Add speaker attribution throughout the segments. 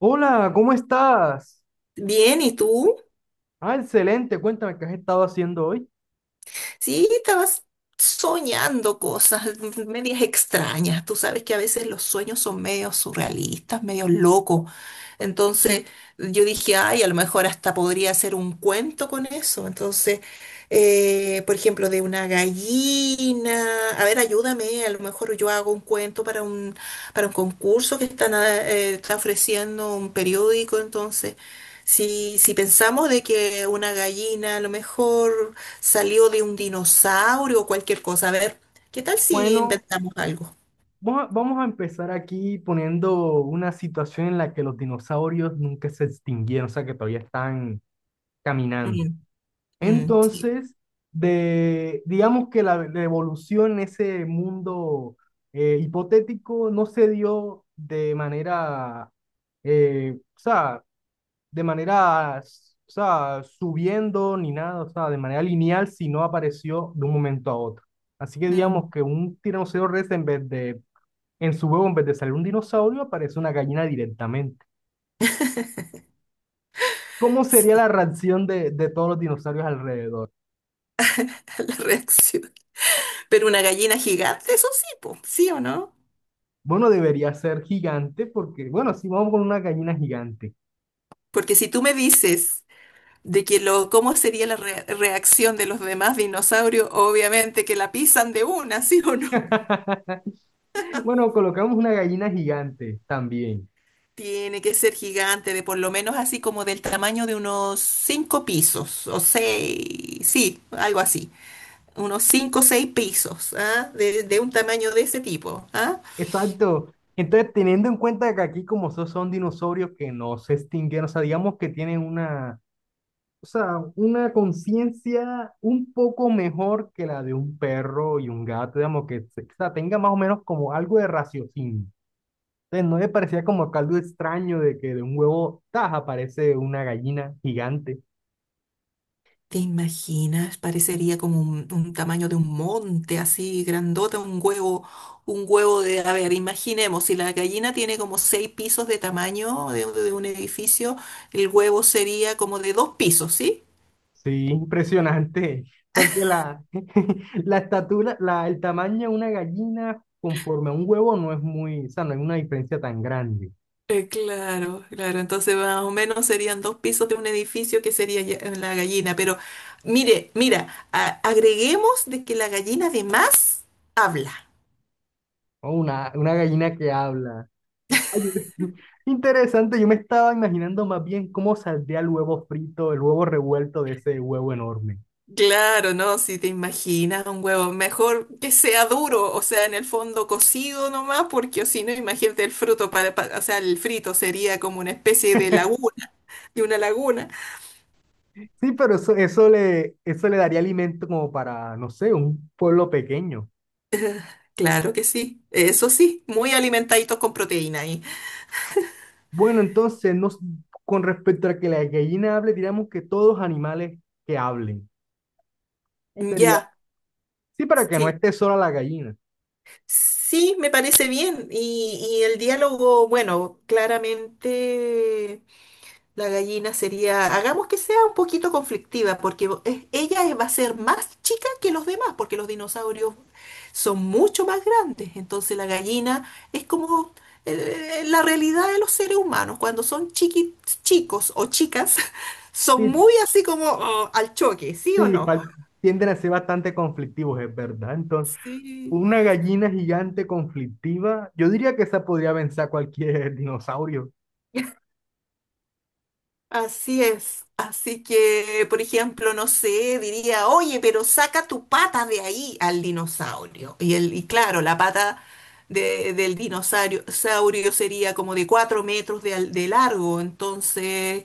Speaker 1: Hola, ¿cómo estás?
Speaker 2: Bien, ¿y tú?
Speaker 1: Ah, excelente, cuéntame qué has estado haciendo hoy.
Speaker 2: Sí, estabas soñando cosas medias extrañas. Tú sabes que a veces los sueños son medio surrealistas, medio locos. Entonces yo dije, ay, a lo mejor hasta podría hacer un cuento con eso. Entonces, por ejemplo, de una gallina. A ver, ayúdame. A lo mejor yo hago un cuento para un concurso que están, está ofreciendo un periódico. Entonces, si pensamos de que una gallina a lo mejor salió de un dinosaurio o cualquier cosa. A ver, ¿qué tal si
Speaker 1: Bueno,
Speaker 2: inventamos algo?
Speaker 1: vamos a empezar aquí poniendo una situación en la que los dinosaurios nunca se extinguieron, o sea que todavía están caminando.
Speaker 2: Mm, mm, sí,
Speaker 1: Entonces, digamos que la evolución en ese mundo hipotético no se dio de manera, o sea, de manera, o sea, subiendo ni nada, o sea, de manera lineal, si no apareció de un momento a otro. Así que
Speaker 2: mm,
Speaker 1: digamos que un tiranosaurio rex en su huevo, en vez de salir un dinosaurio, aparece una gallina directamente. ¿Cómo sería la
Speaker 2: sí,
Speaker 1: reacción de todos los dinosaurios alrededor?
Speaker 2: la reacción. Pero una gallina gigante, eso sí, po, ¿sí o no?
Speaker 1: Bueno, debería ser gigante porque, bueno, si vamos con una gallina gigante.
Speaker 2: Porque si tú me dices de que lo, cómo sería la reacción de los demás dinosaurios, obviamente que la pisan de una, ¿sí o no?
Speaker 1: Bueno, colocamos una gallina gigante también.
Speaker 2: Tiene que ser gigante, de por lo menos así como del tamaño de unos 5 pisos o 6, sí, algo así. Unos 5 o 6 pisos, ¿ah? De un tamaño de ese tipo, ¿ah?
Speaker 1: Exacto. Entonces, teniendo en cuenta que aquí como son dinosaurios que no se extinguieron, o sea, digamos que tienen una, o sea, una conciencia un poco mejor que la de un perro y un gato, digamos que o sea, tenga más o menos como algo de raciocinio. Entonces, no le parecía como que algo extraño de que de un huevo taja aparece una gallina gigante.
Speaker 2: ¿Te imaginas? Parecería como un tamaño de un monte, así grandota, un huevo de, a ver, imaginemos, si la gallina tiene como 6 pisos de tamaño de un edificio, el huevo sería como de 2 pisos, ¿sí?
Speaker 1: Sí, impresionante, porque la estatura, el tamaño de una gallina conforme a un huevo no es muy, o sea, no hay una diferencia tan grande.
Speaker 2: Claro, claro, entonces más o menos serían 2 pisos de un edificio que sería ya- la gallina, pero mira, agreguemos de que la gallina además habla.
Speaker 1: O una gallina que habla. Ay, interesante, yo me estaba imaginando más bien cómo saldría el huevo frito, el huevo revuelto de ese huevo enorme.
Speaker 2: Claro, no, si te imaginas un huevo, mejor que sea duro, o sea, en el fondo cocido nomás, porque si no, imagínate el fruto para, o sea, el frito sería como una especie de laguna, de una laguna.
Speaker 1: Sí, pero eso le daría alimento como para, no sé, un pueblo pequeño.
Speaker 2: Claro que sí, eso sí, muy alimentaditos con proteína ahí.
Speaker 1: Bueno, entonces, nos, con respecto a que la gallina hable, diríamos que todos animales que hablen. Sería,
Speaker 2: Ya,
Speaker 1: sí, para que no
Speaker 2: sí,
Speaker 1: esté sola la gallina.
Speaker 2: sí, me parece bien. Y el diálogo, bueno, claramente. La gallina sería, hagamos que sea un poquito conflictiva, porque va a ser más chica que los demás, porque los dinosaurios son mucho más grandes. Entonces la gallina es como la realidad de los seres humanos. Cuando son chicos o chicas, son
Speaker 1: Sí,
Speaker 2: muy así como oh, al choque, ¿sí o
Speaker 1: sí,
Speaker 2: no?
Speaker 1: tienden a ser bastante conflictivos, es verdad. Entonces,
Speaker 2: Sí.
Speaker 1: una gallina gigante conflictiva, yo diría que esa podría vencer a cualquier dinosaurio.
Speaker 2: Así es. Así que, por ejemplo, no sé, diría, oye, pero saca tu pata de ahí al dinosaurio. Y, y claro, la pata del dinosaurio saurio sería como de 4 metros de, de largo. Entonces,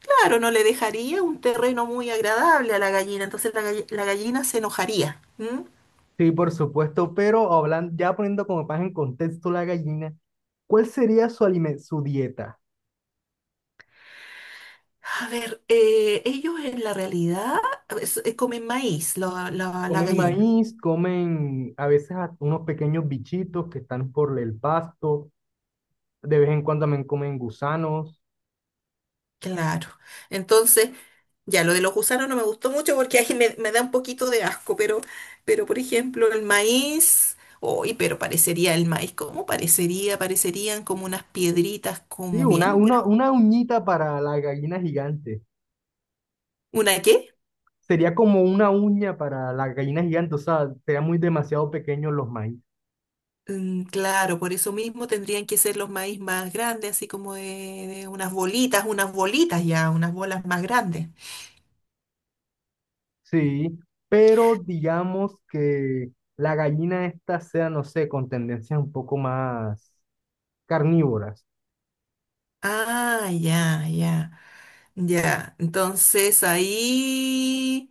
Speaker 2: claro, no le dejaría un terreno muy agradable a la gallina. Entonces la gallina se enojaría. ¿M?
Speaker 1: Sí, por supuesto, pero hablando, ya poniendo como más en contexto la gallina, ¿cuál sería su dieta?
Speaker 2: A ver, ellos en la realidad a ver, comen maíz, la
Speaker 1: Comen
Speaker 2: gallina.
Speaker 1: maíz, comen a veces unos pequeños bichitos que están por el pasto, de vez en cuando también comen gusanos.
Speaker 2: Claro. Entonces, ya, lo de los gusanos no me gustó mucho porque ahí me da un poquito de asco, pero, por ejemplo, el maíz, uy, pero parecería el maíz, ¿cómo parecería? Parecerían como unas piedritas,
Speaker 1: Sí,
Speaker 2: como
Speaker 1: una,
Speaker 2: bien.
Speaker 1: una, una uñita para la gallina gigante.
Speaker 2: ¿Una qué?
Speaker 1: Sería como una uña para la gallina gigante, o sea, serían muy demasiado pequeños los maíz.
Speaker 2: Mm, claro, por eso mismo tendrían que ser los maíz más grandes, así como de unas bolitas ya, unas bolas más grandes.
Speaker 1: Sí, pero digamos que la gallina esta sea, no sé, con tendencias un poco más carnívoras.
Speaker 2: Ah, ya, ya, ya. Entonces ahí.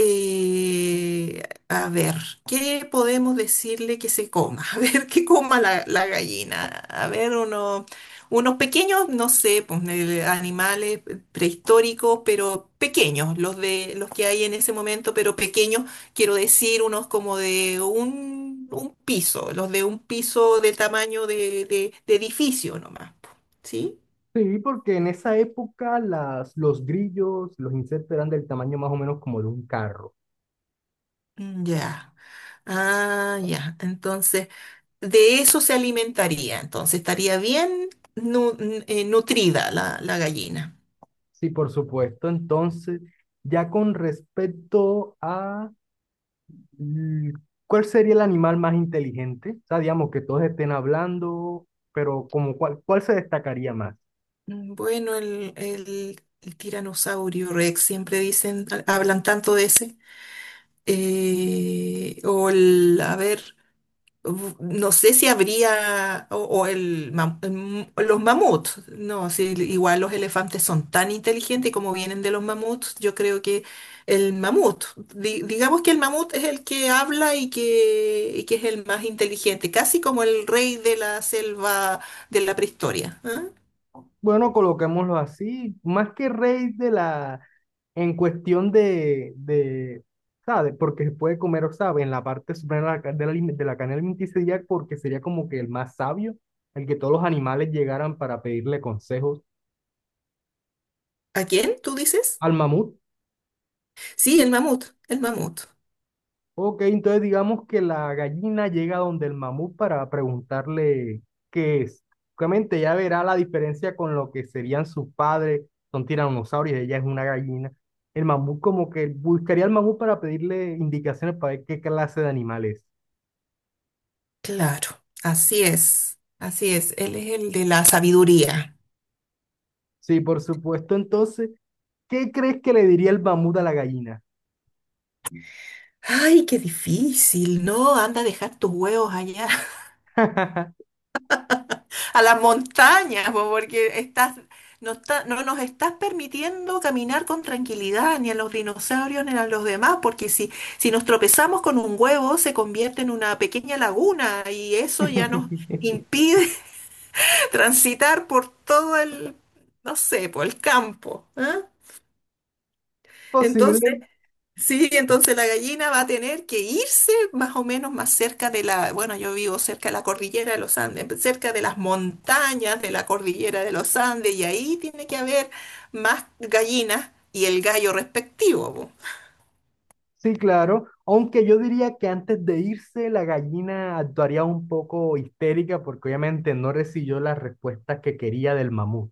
Speaker 2: Eh, a ver, ¿qué podemos decirle que se coma? A ver, ¿qué coma la gallina? A ver, unos pequeños, no sé, pues, animales prehistóricos, pero pequeños, los de los que hay en ese momento, pero pequeños, quiero decir, unos como de un piso, los de un piso de tamaño de, de edificio nomás, po, ¿sí?
Speaker 1: Sí, porque en esa época los grillos, los insectos eran del tamaño más o menos como de un carro.
Speaker 2: Mm, ya. Ah, ya. Entonces, de eso se alimentaría, entonces estaría bien nutrida la gallina.
Speaker 1: Sí, por supuesto. Entonces, ya con respecto a mm, ¿cuál sería el animal más inteligente? O sea, digamos que todos estén hablando, pero como cuál, ¿cuál se destacaría más?
Speaker 2: Mm, bueno, el tiranosaurio Rex, siempre dicen, hablan tanto de ese. O el, a ver. Uf, no sé si habría, o el, los mamuts, no, si igual los elefantes son tan inteligentes y como vienen de los mamuts, yo creo que el mamut, digamos que el mamut es el que habla y que es el más inteligente, casi como el rey de la selva de la prehistoria. ¿Ah?
Speaker 1: Bueno, coloquémoslo así, más que rey de la, en cuestión de, ¿sabes? Porque se puede comer, o sabe, en la parte suprema de de de la cadena alimenticia, porque sería como que el más sabio, el que todos los animales llegaran para pedirle consejos
Speaker 2: ¿A quién tú dices?
Speaker 1: al mamut.
Speaker 2: Sí, el mamut, el mamut.
Speaker 1: Ok, entonces digamos que la gallina llega donde el mamut para preguntarle qué es. Obviamente ya verá la diferencia con lo que serían sus padres, son tiranosaurios, ella es una gallina. El mamut como que buscaría al mamut para pedirle indicaciones para ver qué clase de animal es.
Speaker 2: Claro, así es, él es el de la sabiduría.
Speaker 1: Sí, por supuesto. Entonces, ¿qué crees que le diría el mamut a la gallina?
Speaker 2: Ay, qué difícil, ¿no? Anda a dejar tus huevos allá, a las montañas, po, porque estás, no nos estás permitiendo caminar con tranquilidad, ni a los dinosaurios, ni a los demás, porque si nos tropezamos con un huevo, se convierte en una pequeña laguna, y eso ya nos impide transitar por todo el, no sé, por el campo, ¿ah? Entonces,
Speaker 1: Posiblemente
Speaker 2: sí, entonces la gallina va a tener que irse más o menos más cerca de la, bueno, yo vivo cerca de la cordillera de los Andes, cerca de las montañas de la cordillera de los Andes, y ahí tiene que haber más gallinas y el gallo respectivo, po.
Speaker 1: sí, claro, aunque yo diría que antes de irse la gallina actuaría un poco histérica porque obviamente no recibió las respuestas que quería del mamut.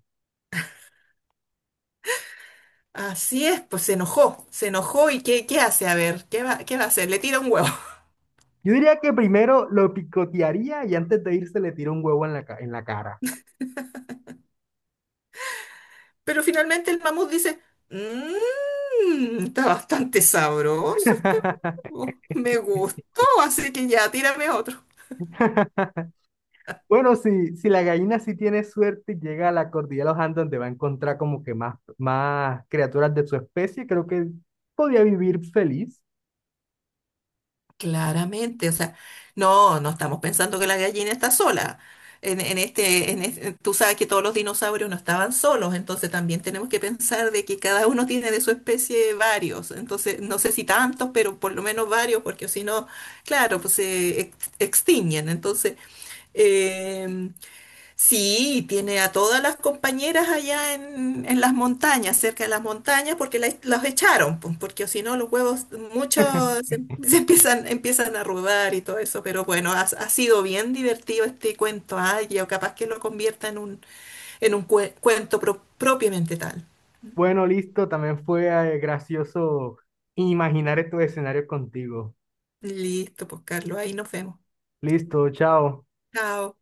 Speaker 2: Así es, pues se enojó y ¿qué, hace? A ver, ¿qué va a hacer? Le tira un huevo.
Speaker 1: Yo diría que primero lo picotearía y antes de irse le tiró un huevo en la, en la cara.
Speaker 2: Pero finalmente el mamut dice, mmm, está bastante sabroso este huevo, me gustó, así que ya, tírame otro.
Speaker 1: Bueno, si la gallina sí tiene suerte y llega a la cordillera de los Andes donde va a encontrar como que más criaturas de su especie, creo que podría vivir feliz.
Speaker 2: Claramente, o sea, no, no estamos pensando que la gallina está sola. En este, tú sabes que todos los dinosaurios no estaban solos, entonces también tenemos que pensar de que cada uno tiene de su especie varios, entonces no sé si tantos, pero por lo menos varios, porque si no, claro, pues se extinguen. Entonces, em, sí, tiene a todas las compañeras allá en, las montañas, cerca de las montañas, porque los echaron, pues, porque si no los huevos, muchos se, se empiezan, empiezan a arrugar y todo eso, pero bueno, ha sido bien divertido este cuento, ay, yo capaz que lo convierta en un, cuento propiamente tal.
Speaker 1: Bueno, listo, también fue gracioso imaginar estos escenarios contigo.
Speaker 2: Listo, pues Carlos, ahí nos vemos.
Speaker 1: Listo, chao.
Speaker 2: Chao.